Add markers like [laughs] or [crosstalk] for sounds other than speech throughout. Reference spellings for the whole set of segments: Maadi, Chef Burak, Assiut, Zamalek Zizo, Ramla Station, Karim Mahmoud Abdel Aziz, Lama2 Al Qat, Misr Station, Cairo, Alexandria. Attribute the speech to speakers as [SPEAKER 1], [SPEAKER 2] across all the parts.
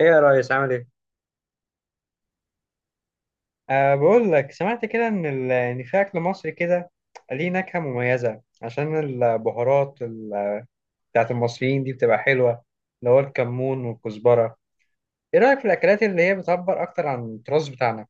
[SPEAKER 1] ايه يا ريس، عامل ايه؟ أه، بقول لك سمعت كده إن في أكل مصري كده ليه نكهة مميزة، عشان البهارات بتاعت المصريين دي بتبقى حلوة، اللي هو الكمون والكزبرة. إيه رأيك في الأكلات اللي هي بتعبر أكتر عن التراث بتاعنا؟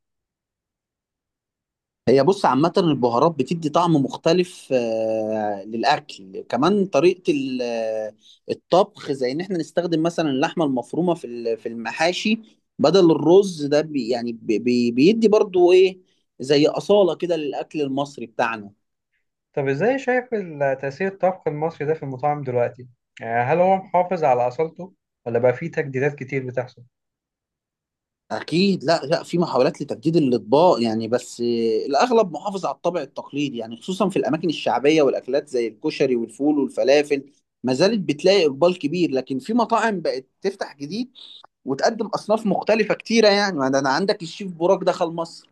[SPEAKER 2] هي بص، عامة البهارات بتدي طعم مختلف للأكل. كمان طريقة الطبخ، زي إن إحنا نستخدم مثلا اللحمة المفرومة في المحاشي بدل الرز. ده بي يعني بي بي- بيدي برضو إيه، زي أصالة كده للأكل المصري بتاعنا.
[SPEAKER 1] طب إزاي شايف تأثير الطبخ المصري ده في المطاعم دلوقتي؟ يعني هل هو محافظ على أصالته، ولا بقى فيه تجديدات كتير بتحصل؟
[SPEAKER 2] أكيد لا لا، في محاولات لتجديد الأطباق يعني، بس الأغلب محافظ على الطابع التقليدي، يعني خصوصا في الأماكن الشعبية، والأكلات زي الكشري والفول والفلافل ما زالت بتلاقي إقبال كبير. لكن في مطاعم بقت تفتح جديد، وتقدم اصناف مختلفه كتيره، يعني ما ده انا عندك الشيف بوراك دخل مصر.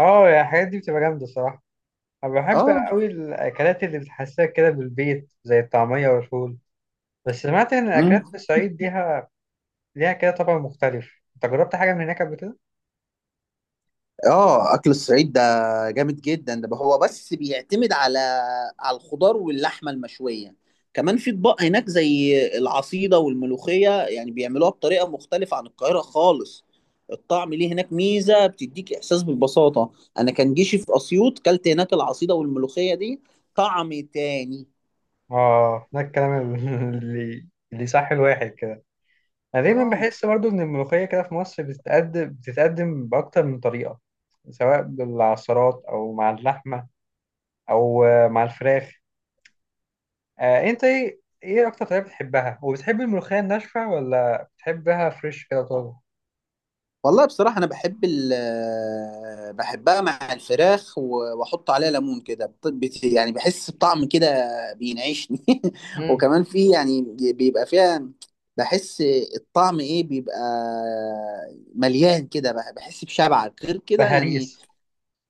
[SPEAKER 1] آه يا، الحاجات دي بتبقى جامدة الصراحة. أنا بحب
[SPEAKER 2] اه.
[SPEAKER 1] أوي الأكلات اللي بتحسسك كده بالبيت، زي الطعمية والفول. بس سمعت إن الأكلات
[SPEAKER 2] امم.
[SPEAKER 1] في الصعيد ليها كده طبع مختلف. أنت جربت حاجة من هناك قبل كده؟
[SPEAKER 2] اه. اكل الصعيد ده جامد جدا. ده هو بس بيعتمد على الخضار واللحمه المشويه. كمان في اطباق هناك زي العصيده والملوخيه، يعني بيعملوها بطريقه مختلفه عن القاهره خالص. الطعم ليه هناك ميزه، بتديك احساس بالبساطه. انا كان جيشي في اسيوط، كلت هناك العصيده والملوخيه دي طعم تاني.
[SPEAKER 1] آه، ده الكلام [laughs] اللي اللي صح الواحد كده. أنا دايما
[SPEAKER 2] اه.
[SPEAKER 1] بحس برضو إن الملوخية كده في مصر بتتقدم بأكتر من طريقة، سواء بالعصارات أو مع اللحمة أو مع الفراخ. آه، أنت إيه أكتر طريقة بتحبها؟ وبتحب الملوخية الناشفة، ولا بتحبها فريش كده طازة؟
[SPEAKER 2] والله بصراحة أنا بحب بحبها مع الفراخ، وأحط عليها ليمون كده، يعني بحس بطعم كده بينعشني. [laughs]
[SPEAKER 1] مم.
[SPEAKER 2] وكمان في، يعني بيبقى فيها، بحس الطعم إيه، بيبقى مليان كده، بحس بشبع غير كده يعني.
[SPEAKER 1] بهاريس.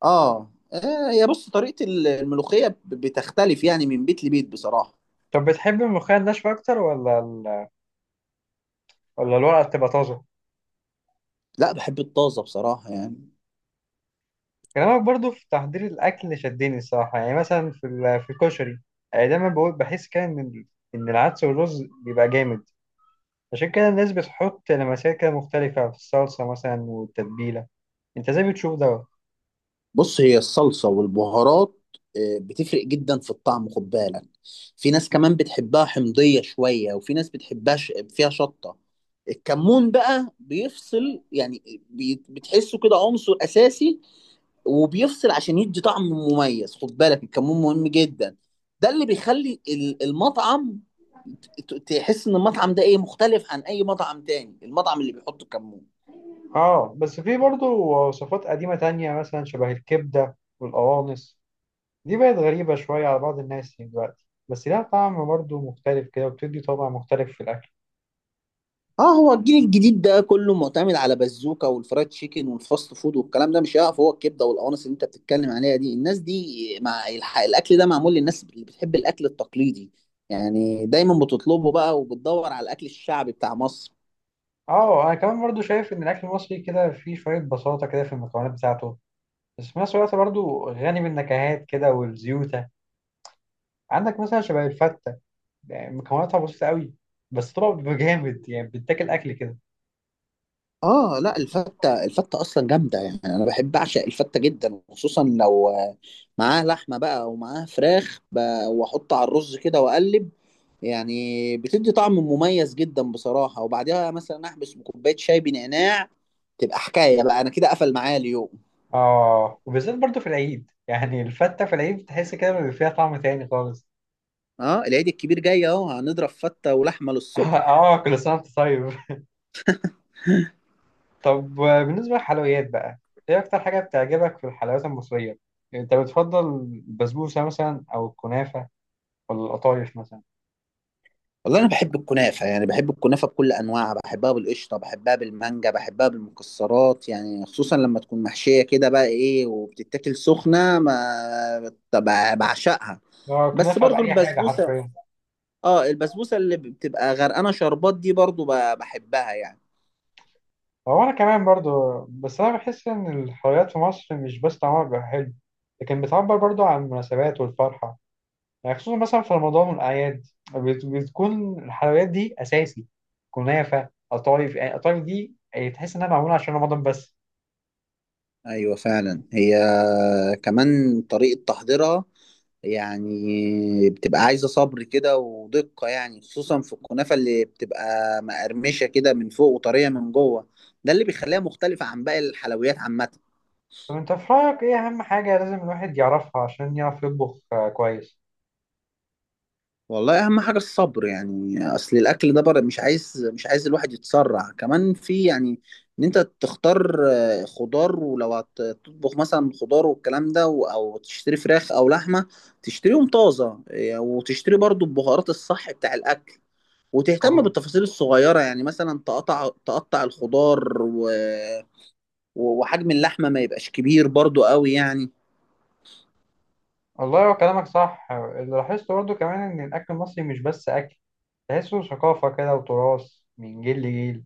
[SPEAKER 2] هي بص، طريقة الملوخية بتختلف يعني من بيت لبيت بصراحة.
[SPEAKER 1] طب بتحب الملوخية الناشفة أكتر، ولا الورقة بتبقى طازة؟
[SPEAKER 2] لا، بحب الطازة بصراحة يعني.
[SPEAKER 1] كلامك برضو في تحضير الأكل شدني الصراحة، يعني مثلا في في الكشري، يعني دايما بقول بحس كده إن العدس والرز بيبقى جامد. عشان كده الناس بتحط لمسات كده مختلفة في الصلصة مثلا والتتبيلة. أنت إزاي بتشوف ده؟
[SPEAKER 2] بص، هي الصلصة والبهارات بتفرق جدا في الطعم، خد بالك. في ناس كمان بتحبها حمضية شوية، وفي ناس بتحبها فيها شطة. الكمون بقى بيفصل يعني، بتحسه كده عنصر أساسي، وبيفصل عشان يدي طعم مميز. خد بالك الكمون مهم جدا. ده اللي بيخلي المطعم تحس إن المطعم ده إيه مختلف عن أي مطعم تاني، المطعم اللي بيحط الكمون.
[SPEAKER 1] آه، بس في برضو وصفات قديمة تانية، مثلا شبه الكبدة والقوانص، دي بقت غريبة شوية على بعض الناس دلوقتي، بس لها طعم برضو مختلف كده، وبتدي طابع مختلف في الأكل.
[SPEAKER 2] اه، هو الجيل الجديد ده كله معتمد على بازوكا والفرايد تشيكن والفاست فود والكلام ده، مش هيقف. هو الكبده والقوانص اللي انت بتتكلم عليها دي، الناس دي مع الاكل ده، معمول للناس اللي بتحب الاكل التقليدي، يعني دايما بتطلبه بقى، وبتدور على الاكل الشعبي بتاع مصر.
[SPEAKER 1] آه، أنا كمان برضو شايف إن الأكل المصري كده فيه شوية بساطة كده في المكونات بتاعته، بس في نفس الوقت برضه غني بالنكهات كده والزيوتة. عندك مثلا شبه الفتة، يعني مكوناتها بسيطة قوي، بس طبعا بيبقى جامد، يعني بتاكل أكل كده.
[SPEAKER 2] اه لا، الفتة اصلا جامدة يعني، انا بحب اعشق الفتة جدا، وخصوصا لو معاها لحمة بقى، ومعاها فراخ، واحط على الرز كده واقلب، يعني بتدي طعم مميز جدا بصراحة. وبعدها مثلا احبس بكوباية شاي بنعناع، تبقى حكاية بقى. انا كده قفل معايا اليوم.
[SPEAKER 1] آه، وبالذات برضه في العيد، يعني الفتة في العيد بتحس كده بيبقى فيها طعم تاني خالص.
[SPEAKER 2] اه، العيد الكبير جاي اهو، هنضرب فتة ولحمة
[SPEAKER 1] [laughs]
[SPEAKER 2] للصبح.
[SPEAKER 1] آه، كل سنة وأنت طيب. [laughs] طب، بالنسبة للحلويات بقى، إيه أكتر حاجة بتعجبك في الحلويات المصرية؟ يعني أنت بتفضل البسبوسة مثلا أو الكنافة، ولا القطايف مثلا؟
[SPEAKER 2] والله انا بحب الكنافه، يعني بحب الكنافه بكل انواعها، بحبها بالقشطه، بحبها بالمانجا، بحبها بالمكسرات، يعني خصوصا لما تكون محشيه كده بقى ايه، وبتتاكل سخنه، ما طب بعشقها.
[SPEAKER 1] آه،
[SPEAKER 2] بس
[SPEAKER 1] الكنافة
[SPEAKER 2] برضو
[SPEAKER 1] بأي حاجة
[SPEAKER 2] البسبوسه.
[SPEAKER 1] حرفيا.
[SPEAKER 2] اه، البسبوسه اللي بتبقى غرقانه شربات دي برضو بحبها يعني.
[SPEAKER 1] هو أنا كمان برضو، بس أنا بحس إن الحلويات في مصر مش بس طعمها بيبقى حلو، لكن بتعبر برضو عن المناسبات والفرحة. يعني خصوصا مثلا في رمضان والأعياد، بتكون الحلويات دي أساسي، كنافة، قطايف. يعني قطايف دي يعني تحس إنها معمولة عشان رمضان بس.
[SPEAKER 2] ايوه فعلا، هي كمان طريقه تحضيرها يعني بتبقى عايزة صبر كده ودقة، يعني خصوصا في الكنافة اللي بتبقى مقرمشة كده من فوق، وطرية من جوه. ده اللي بيخليها مختلفة عن باقي الحلويات عامة.
[SPEAKER 1] طب أنت في رأيك إيه أهم حاجة لازم الواحد يعرفها عشان يعرف يطبخ كويس؟
[SPEAKER 2] والله أهم حاجة الصبر، يعني أصل الأكل ده بره، مش عايز الواحد يتسرع. كمان في، يعني إن أنت تختار خضار، ولو هتطبخ مثلا خضار والكلام ده، أو تشتري فراخ أو لحمة تشتريهم طازة، وتشتري برضو البهارات الصح بتاع الأكل، وتهتم
[SPEAKER 1] وال-
[SPEAKER 2] بالتفاصيل الصغيرة، يعني مثلا تقطع الخضار وحجم اللحمة ما يبقاش كبير برضو قوي يعني.
[SPEAKER 1] والله هو كلامك صح، اللي لاحظته برضو كمان إن الأكل المصري مش بس أكل، تحسه ثقافة كده وتراث من جيل لجيل،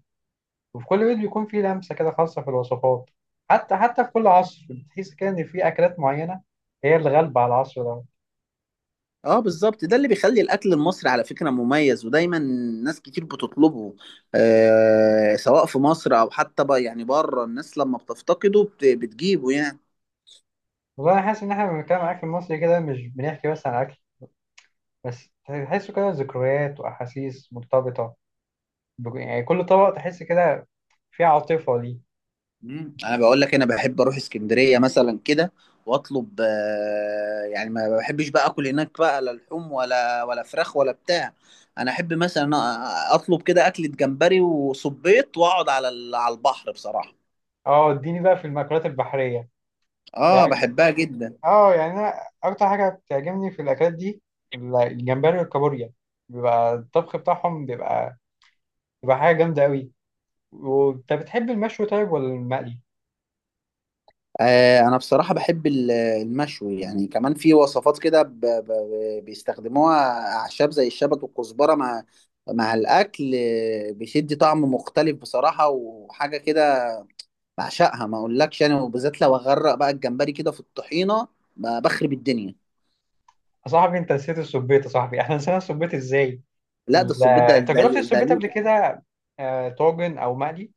[SPEAKER 1] وفي كل بيت بيكون فيه لمسة كده خاصة في الوصفات. حتى في كل عصر بتحس كده إن في أكلات معينة هي اللي غالبة على العصر ده.
[SPEAKER 2] اه بالظبط، ده اللي بيخلي الأكل المصري على فكرة مميز، ودايما ناس كتير بتطلبه. آه، سواء في مصر أو حتى بقى يعني بره، الناس لما بتفتقده بتجيبه يعني.
[SPEAKER 1] والله أنا حاسس إن إحنا لما بنتكلم عن الأكل المصري كده مش بنحكي بس عن أكل، بس تحسه كده ذكريات وأحاسيس مرتبطة يعني كل طبق تحس كده فيه عاطفة ليه.
[SPEAKER 2] مم. انا بقول لك، انا بحب اروح اسكندريه مثلا كده واطلب، يعني ما بحبش بقى اكل هناك بقى، لا لحوم ولا فراخ ولا بتاع. انا احب مثلا اطلب كده اكله جمبري وصبيط، واقعد على البحر بصراحه.
[SPEAKER 1] أه، اديني بقى في المأكولات البحرية، يعني
[SPEAKER 2] اه بحبها جدا.
[SPEAKER 1] أه، يعني أنا أكتر حاجة بتعجبني في الأكلات دي الجمبري والكابوريا، بيبقى الطبخ بتاعهم بيبقى حاجة جامدة أوي. وانت بتحب المشوي طيب، ولا المقلي؟
[SPEAKER 2] آه، انا بصراحه بحب المشوي، يعني كمان في وصفات كده بيستخدموها اعشاب زي الشبت والكزبره مع الاكل، بيشد طعم مختلف بصراحه، وحاجه كده بعشقها ما اقولكش يعني، وبالذات لو اغرق بقى الجمبري كده في الطحينه، بخرب الدنيا.
[SPEAKER 1] يا صاحبي، انت نسيت السبيت، يا صاحبي احنا نسينا السبيت ازاي؟
[SPEAKER 2] لا، ده الصبيط،
[SPEAKER 1] انت جربت
[SPEAKER 2] ده
[SPEAKER 1] السبيت
[SPEAKER 2] ليه-
[SPEAKER 1] قبل كده، طاجن او مقلي؟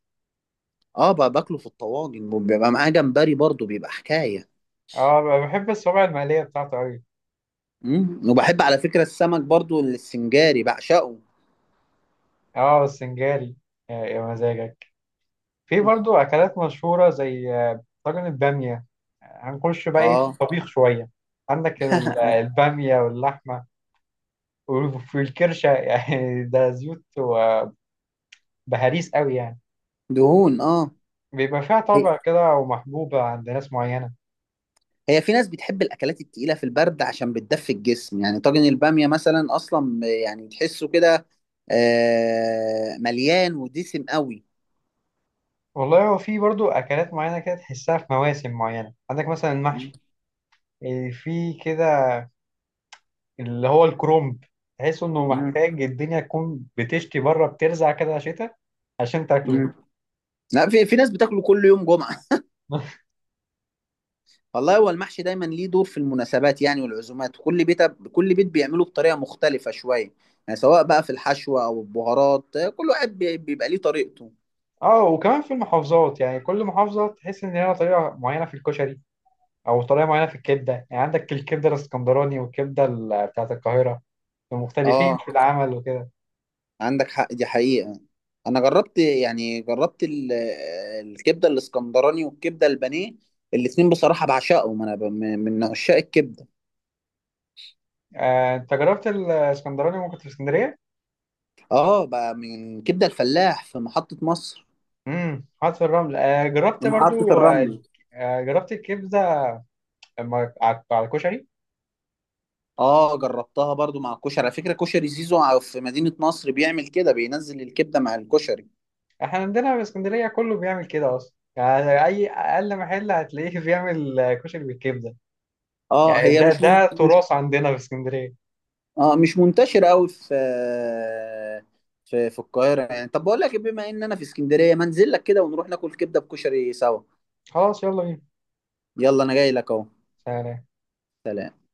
[SPEAKER 2] اه، بقى باكله في الطواجن، وبيبقى معاه جمبري برضو بيبقى حكايه.
[SPEAKER 1] اه، بحب الصوابع المقلية بتاعته قوي.
[SPEAKER 2] مم. وبحب على فكره السمك برضو السنجاري بعشقه.
[SPEAKER 1] اه، السنجاري، يا مزاجك. في برضو اكلات مشهورة زي طاجن البامية، هنخش بقى ايه في
[SPEAKER 2] اه.
[SPEAKER 1] الطبيخ شوية. عندك
[SPEAKER 2] [laughs]
[SPEAKER 1] البامية واللحمة، وفي الكرشة، [laughs] يعني ده زيوت وبهاريس قوي يعني،
[SPEAKER 2] دهون اه.
[SPEAKER 1] بيبقى فيها
[SPEAKER 2] هي
[SPEAKER 1] طابع كده ومحبوبة عند ناس معينة.
[SPEAKER 2] هي في ناس بتحب الاكلات التقيله في البرد عشان بتدفي الجسم، يعني طاجن الباميه مثلا اصلا يعني تحسه كده مليان ودسم قوي.
[SPEAKER 1] والله هو في برضو أكلات معينة كده تحسها في مواسم معينة، عندك مثلا
[SPEAKER 2] مم.
[SPEAKER 1] المحشي، إيه، في كده اللي هو الكرومب، تحس إنه محتاج الدنيا تكون بتشتي بره، بترزع كده شتاء عشان تاكله.
[SPEAKER 2] مم. لا، في ناس بتاكله كل يوم جمعة.
[SPEAKER 1] [laughs]
[SPEAKER 2] والله هو المحشي دايما ليه دور في المناسبات، يعني والعزومات، كل بيت بيعمله بطريقة مختلفة شوية، يعني سواء بقى في الحشوة أو البهارات، كل واحد بيبقى ليه طريقته.
[SPEAKER 1] اه، وكمان في المحافظات، يعني كل محافظة تحس إن ليها طريقة معينة في الكشري، أو طريقة معينة في الكبدة. يعني عندك الكبدة الإسكندراني والكبدة بتاعة القاهرة، مختلفين
[SPEAKER 2] اه
[SPEAKER 1] في العمل وكده.
[SPEAKER 2] عندك حق، دي حقيقة. أنا جربت، يعني جربت الكبدة الإسكندراني والكبدة البانيه، الاتنين بصراحة بعشقهم. أنا من عشاق الكبدة.
[SPEAKER 1] أنت جربت الإسكندراني وأنت كنت في اسكندرية؟
[SPEAKER 2] اه، بقى من كبدة الفلاح في محطة مصر.
[SPEAKER 1] حاطط الرمل، آه
[SPEAKER 2] في
[SPEAKER 1] جربت
[SPEAKER 2] محطة
[SPEAKER 1] برضو
[SPEAKER 2] الرمل.
[SPEAKER 1] جربت الكبده على الكشري.
[SPEAKER 2] اه، جربتها برضو مع الكشري، على فكره كشري زيزو في مدينه نصر بيعمل كده، بينزل الكبده مع الكشري.
[SPEAKER 1] احنا عندنا في اسكندريه كله بيعمل كده اصلا، يعني اي اقل محل هتلاقيه [laughs] بيعمل كشري بالكبده،
[SPEAKER 2] اه
[SPEAKER 1] يعني
[SPEAKER 2] هي
[SPEAKER 1] ده
[SPEAKER 2] مش
[SPEAKER 1] ده
[SPEAKER 2] من... مش
[SPEAKER 1] تراث عندنا في اسكندريه.
[SPEAKER 2] اه، مش منتشره قوي في القاهره يعني. طب بقول لك إيه، بما ان انا في اسكندريه، ما انزل لك كده، ونروح ناكل كبده بكشري سوا.
[SPEAKER 1] خلاص يلا بينا.
[SPEAKER 2] يلا، انا جاي لك اهو.
[SPEAKER 1] سلام.
[SPEAKER 2] سلام.